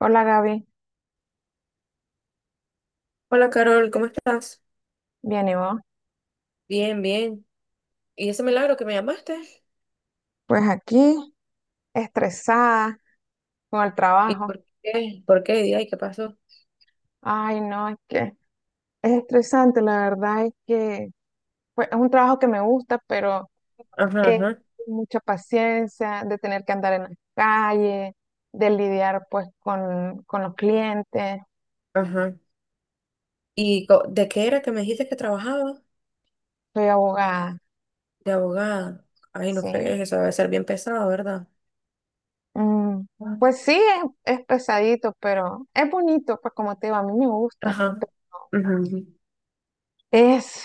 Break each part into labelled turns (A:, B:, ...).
A: Hola Gaby,
B: Hola Carol, ¿cómo estás?
A: bien y vos.
B: Bien, bien. ¿Y ese milagro que me llamaste?
A: Pues aquí, estresada con el
B: ¿Y
A: trabajo.
B: por qué? ¿Por qué? Di, ay, ¿qué pasó?
A: Ay, no, es que es estresante, la verdad es que pues, es un trabajo que me gusta, pero
B: Ajá,
A: es
B: ajá,
A: mucha paciencia de tener que andar en la calle, de lidiar pues con los clientes.
B: ajá. ¿Y de qué era que me dijiste que trabajaba?
A: Soy abogada,
B: De abogada. Ay, no
A: sí.
B: fregues, eso debe ser bien pesado, ¿verdad?
A: Mm, pues sí, es pesadito, pero es bonito, pues como te digo, a mí me gusta.
B: Ajá, ujú.
A: Es,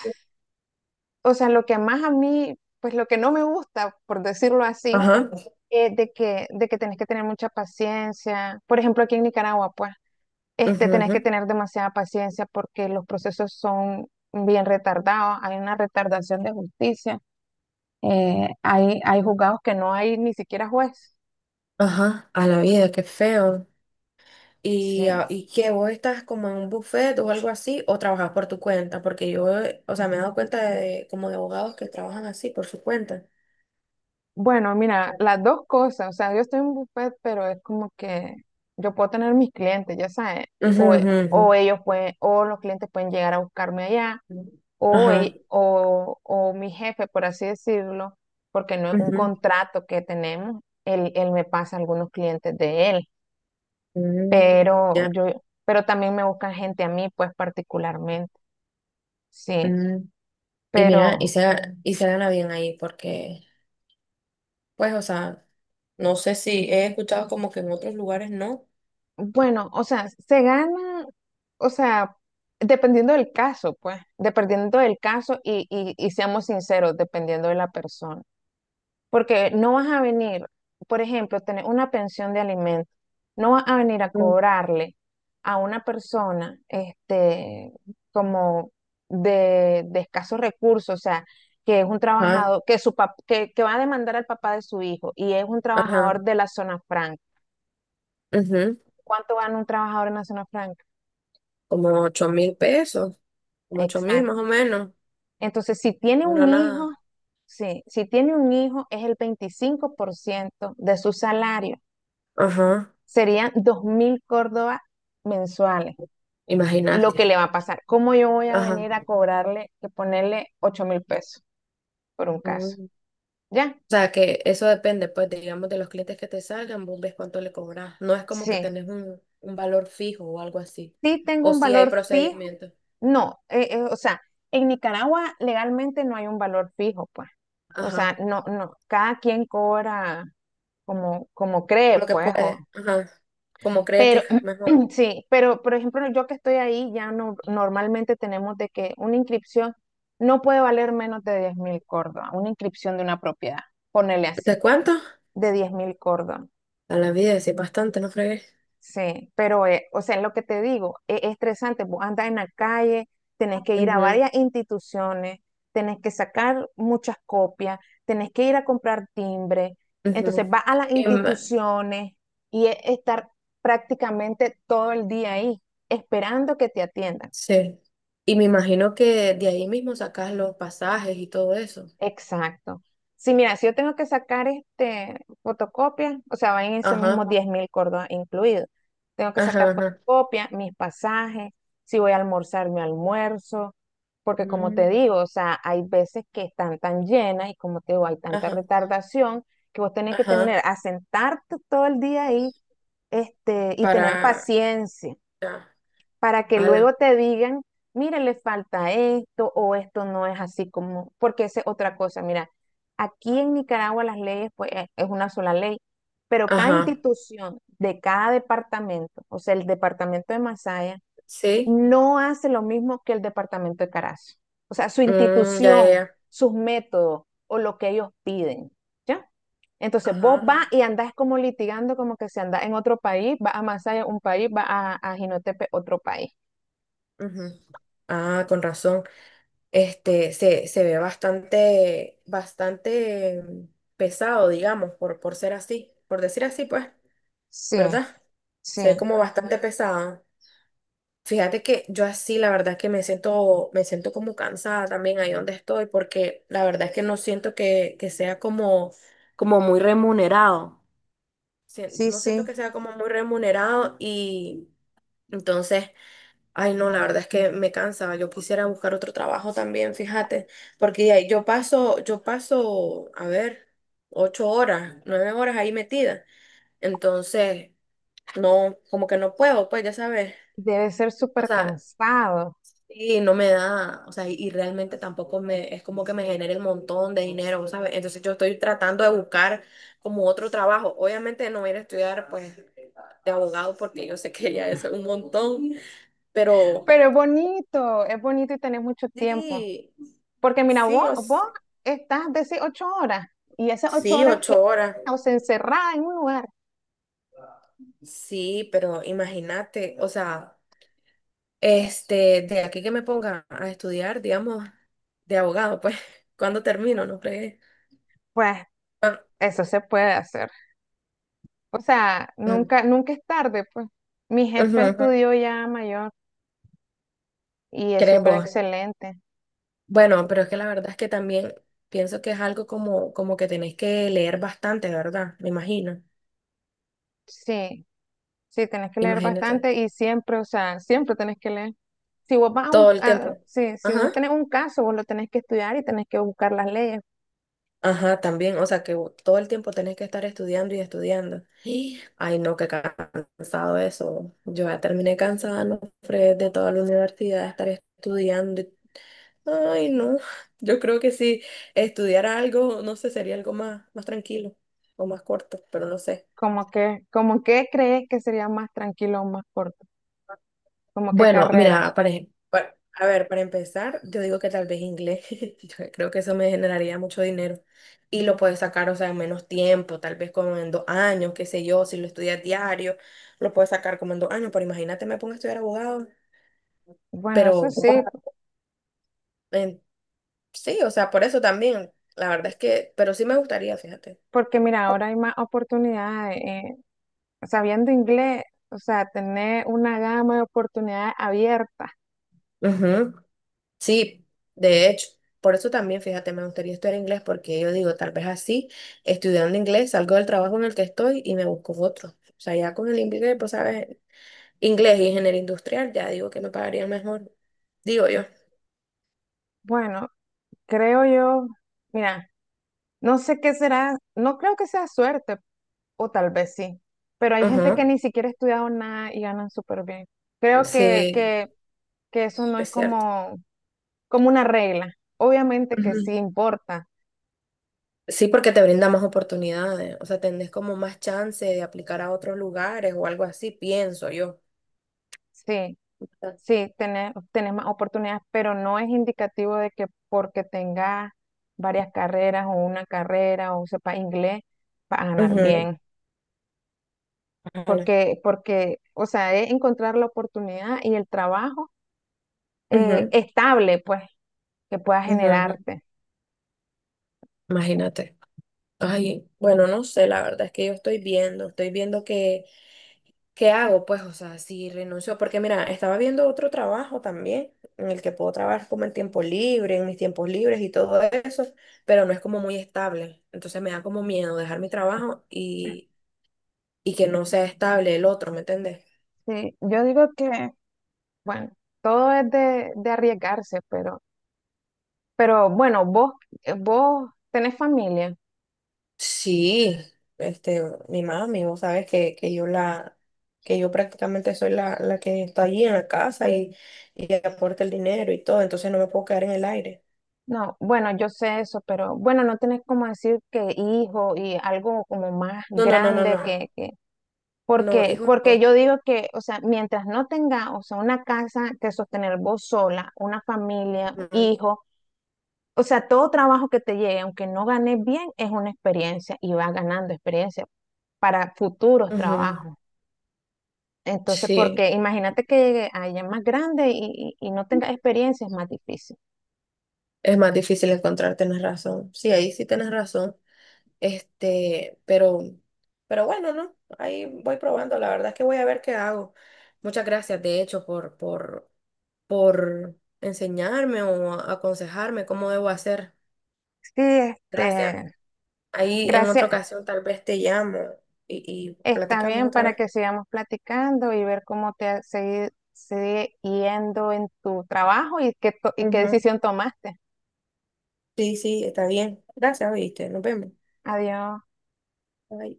A: o sea, lo que más a mí, pues lo que no me gusta, por decirlo así,
B: Ajá,
A: es de que tenés que tener mucha paciencia. Por ejemplo, aquí en Nicaragua, pues, este,
B: ujú,
A: tenés
B: ujú.
A: que tener demasiada paciencia porque los procesos son bien retardados, hay una retardación de justicia, hay juzgados que no hay ni siquiera juez.
B: Ajá. A la vida, qué feo.
A: Sí.
B: ¿Y, ah, y qué? ¿Vos estás como en un buffet o algo así? ¿O trabajas por tu cuenta? Porque yo, o sea, me he dado cuenta de como de abogados que trabajan así, por su cuenta.
A: Bueno, mira, las dos cosas, o sea, yo estoy en buffet, pero es como que yo puedo tener mis clientes, ya sabes,
B: Ujú,
A: o, o
B: ujú,
A: ellos pueden, o los clientes pueden llegar a buscarme allá
B: ujú. Ajá,
A: o mi jefe, por así decirlo, porque no es un
B: ujú.
A: contrato que tenemos, él me pasa algunos clientes de él,
B: Mm,
A: pero
B: ya.
A: yo, pero también me buscan gente a mí, pues particularmente, sí,
B: mm. Y mira,
A: pero
B: y se gana bien ahí porque, pues, o sea, no sé si he escuchado como que en otros lugares no.
A: bueno, o sea, se gana, o sea, dependiendo del caso, pues, dependiendo del caso y seamos sinceros, dependiendo de la persona. Porque no vas a venir, por ejemplo, tener una pensión de alimento, no vas a venir a
B: Ujú.
A: cobrarle a una persona este, como de escasos recursos, o sea, que es un
B: Ajá,
A: trabajador, que va a demandar al papá de su hijo y es un
B: ajá,
A: trabajador de la zona franca.
B: ujú.
A: ¿Cuánto gana un trabajador en la zona franca?
B: Como 8.000 pesos, como 8.000
A: Exacto.
B: más o menos.
A: Entonces, si tiene un
B: Una nada.
A: hijo, sí, si tiene un hijo es el 25% de su salario.
B: Ajá.
A: Serían 2.000 Córdoba mensuales lo
B: Imagínate.
A: que le va a pasar. ¿Cómo yo voy a
B: Ajá.
A: venir a cobrarle, que ponerle 8.000 pesos por un caso?
B: Mm.
A: ¿Ya?
B: O sea, que eso depende, pues, digamos, de los clientes que te salgan, vos ves cuánto le cobras. No es como que
A: Sí.
B: tenés un valor fijo o algo así.
A: Sí tengo
B: O
A: un
B: si hay
A: valor fijo.
B: procedimientos.
A: No, o sea, en Nicaragua legalmente no hay un valor fijo, pues. O
B: Ajá.
A: sea, no, no, cada quien cobra como, como cree,
B: Lo que
A: pues,
B: puede.
A: o
B: Ajá. Como cree que
A: pero
B: es mejor.
A: sí, pero por ejemplo, yo que estoy ahí, ya no, normalmente tenemos de que una inscripción no puede valer menos de 10.000 córdobas, una inscripción de una propiedad, ponele
B: ¿De
A: así,
B: cuánto?
A: de 10.000 córdobas.
B: A la vida, sí, bastante, no fregué.
A: Sí, pero, o sea, es lo que te digo, es estresante. Vos andas en la calle, tenés que ir a
B: Ujú,
A: varias instituciones, tenés que sacar muchas copias, tenés que ir a comprar timbre. Entonces
B: ujú.
A: vas a las
B: Y ma-
A: instituciones y es estar prácticamente todo el día ahí, esperando que te atiendan.
B: sí. Y me imagino que de ahí mismo sacas los pasajes y todo eso.
A: Exacto. Sí, mira, si yo tengo que sacar este fotocopia, o sea, van en esos
B: Ajá,
A: mismos 10.000 córdobas incluidos. Tengo que
B: ajá,
A: sacar
B: ajá.
A: fotocopia, mis pasajes, si voy a almorzar, mi almuerzo, porque como te
B: Mm,
A: digo, o sea, hay veces que están tan llenas y como te digo, hay tanta
B: ajá,
A: retardación que vos tenés que
B: ajá.
A: tener, asentarte todo el día ahí, este, y tener
B: Para,
A: paciencia
B: ya,
A: para que
B: ala,
A: luego te digan, mire, le falta esto o esto no es así como, porque esa es otra cosa. Mira, aquí en Nicaragua las leyes, pues es una sola ley, pero cada
B: ajá.
A: institución de cada departamento, o sea, el departamento de Masaya,
B: Sí.
A: no hace lo mismo que el departamento de Carazo. O sea, su
B: Mm, ya, ya,
A: institución,
B: ya.
A: sus métodos o lo que ellos piden. ¿Ya? Entonces vos
B: Ajá,
A: vas
B: ajá,
A: y andás como litigando como que si andás en otro país, vas a Masaya un país, vas a Jinotepe otro país.
B: ujú. Ah, con razón. Se ve bastante, bastante pesado, digamos, por ser así, por decir así, pues,
A: Sí,
B: ¿verdad? Se ve
A: sí,
B: como bastante pesado. Fíjate que yo así, la verdad que me siento como cansada también ahí donde estoy, porque la verdad es que no siento que sea como muy remunerado.
A: sí,
B: No siento
A: sí.
B: que sea como muy remunerado y entonces... Ay, no, la verdad es que me cansa. Yo quisiera buscar otro trabajo también, fíjate, porque ahí yo paso, a ver, 8 horas, 9 horas ahí metida. Entonces, no, como que no puedo, pues ya sabes.
A: Debe ser
B: O
A: súper
B: sea,
A: cansado,
B: y no me da, o sea, y realmente tampoco me, es como que me genere un montón de dinero, ¿sabes? Entonces yo estoy tratando de buscar como otro trabajo. Obviamente no voy a ir a estudiar, pues, de abogado porque yo sé que ya es un montón, pero
A: pero es bonito y tenés mucho tiempo.
B: sí.
A: Porque mira,
B: Sí,
A: vos, vos estás de esas 8 horas y esas ocho
B: sí,
A: horas que
B: 8 horas.
A: o sea, encerrada en un lugar.
B: Sí, pero imagínate, o sea, este, de aquí que me ponga a estudiar, digamos, de abogado, pues, ¿cuándo termino? No fregué.
A: Pues
B: Ah,
A: eso se puede hacer. O sea,
B: mm,
A: nunca, nunca es tarde, pues. Mi
B: ujú,
A: jefe
B: ujú.
A: estudió ya mayor y es
B: ¿Crees
A: súper
B: vos?
A: excelente.
B: Bueno, pero es que la verdad es que también pienso que es algo como que tenés que leer bastante, ¿verdad? Me imagino.
A: Sí, sí, tenés que leer
B: Imagínate.
A: bastante y siempre, o sea, siempre tenés que leer. Si vos vas a
B: Todo el tiempo.
A: sí, si vos
B: Ajá.
A: tenés un caso, vos lo tenés que estudiar y tenés que buscar las leyes.
B: Ajá, también, o sea que todo el tiempo tenés que estar estudiando y estudiando. Y ay, no, qué cansado eso. Yo ya terminé cansada, no, Fred, de toda la universidad, de estar estudiando. Ay, no, yo creo que si estudiara algo, no sé, sería algo más, más tranquilo o más corto, pero no sé.
A: Como que crees que sería más tranquilo o más corto, como qué
B: Bueno,
A: carrera.
B: mira, a ver, para empezar, yo digo que tal vez inglés, yo creo que eso me generaría mucho dinero y lo puedes sacar, o sea, en menos tiempo, tal vez como en 2 años, qué sé yo, si lo estudias diario, lo puedes sacar como en 2 años, pero imagínate, me pongo a estudiar abogado,
A: Bueno, eso
B: pero
A: sí,
B: en- sí, o sea, por eso también, la verdad es que, pero sí me gustaría, fíjate.
A: porque mira, ahora hay más oportunidades. Sabiendo inglés, o sea, tener una gama de oportunidades abiertas.
B: Sí, de hecho, por eso también, fíjate, me gustaría estudiar inglés porque yo digo, tal vez así, estudiando inglés, salgo del trabajo en el que estoy y me busco otro. O sea, ya con el inglés, pues sabes, inglés y ingeniería industrial, ya digo que me pagaría mejor, digo yo.
A: Bueno, creo yo, mira. No sé qué será, no creo que sea suerte, o tal vez sí, pero hay gente
B: Ajá,
A: que ni siquiera ha estudiado nada y ganan súper bien. Creo que,
B: sí,
A: que, que eso no es
B: es cierto.
A: como, como una regla. Obviamente que sí
B: Ujú.
A: importa,
B: Sí, porque te brinda más oportunidades, o sea, tenés como más chance de aplicar a otros lugares o algo así, pienso yo.
A: sí, sí, tener, tener más oportunidades, pero no es indicativo de que porque tengas varias carreras o una carrera o sepa inglés, vas a ganar
B: Ujú,
A: bien.
B: ojalá.
A: Porque, porque, o sea, es encontrar la oportunidad y el trabajo
B: Ujú,
A: estable, pues que pueda
B: ujú, ujú.
A: generarte.
B: Imagínate. Ay, bueno, no sé, la verdad es que estoy viendo qué, qué hago, pues, o sea, si renuncio, porque mira, estaba viendo otro trabajo también, en el que puedo trabajar como en tiempo libre, en mis tiempos libres y todo eso, pero no es como muy estable. Entonces me da como miedo dejar mi trabajo y que no sea estable el otro, ¿me entiendes?
A: Sí, yo digo que, bueno, todo es de arriesgarse, pero bueno, vos, vos tenés familia.
B: Sí, este, mi mami, vos sabes que yo prácticamente soy la que está allí en la casa y aporta el dinero y todo, entonces no me puedo quedar en el aire.
A: No, bueno, yo sé eso, pero bueno, no tenés como decir que hijo y algo como más
B: No, no, no, no,
A: grande
B: no. No,
A: porque,
B: hijo,
A: porque
B: no.
A: yo digo que, o sea, mientras no tenga, o sea, una casa que sostener vos sola, una familia,
B: Ujú,
A: hijo o sea, todo trabajo que te llegue, aunque no ganes bien, es una experiencia y vas ganando experiencia para futuros
B: ujú.
A: trabajos. Entonces,
B: Sí,
A: porque imagínate que llegue a ella más grande y no tenga experiencia, es más difícil.
B: es más difícil encontrar, tenés razón. Sí, ahí sí tenés razón. Este, pero bueno, ¿no? Ahí voy probando. La verdad es que voy a ver qué hago. Muchas gracias, de hecho, por enseñarme o aconsejarme cómo debo hacer.
A: Sí,
B: Gracias.
A: este,
B: Ahí en otra
A: gracias.
B: ocasión tal vez te llamo y
A: Está
B: platicamos
A: bien
B: otra
A: para
B: vez.
A: que sigamos platicando y ver cómo sigue, sigue yendo en tu trabajo y qué, y qué
B: Ujú.
A: decisión tomaste.
B: Sí, sí, está bien. Gracias, oíste. Nos vemos.
A: Adiós.
B: Bye.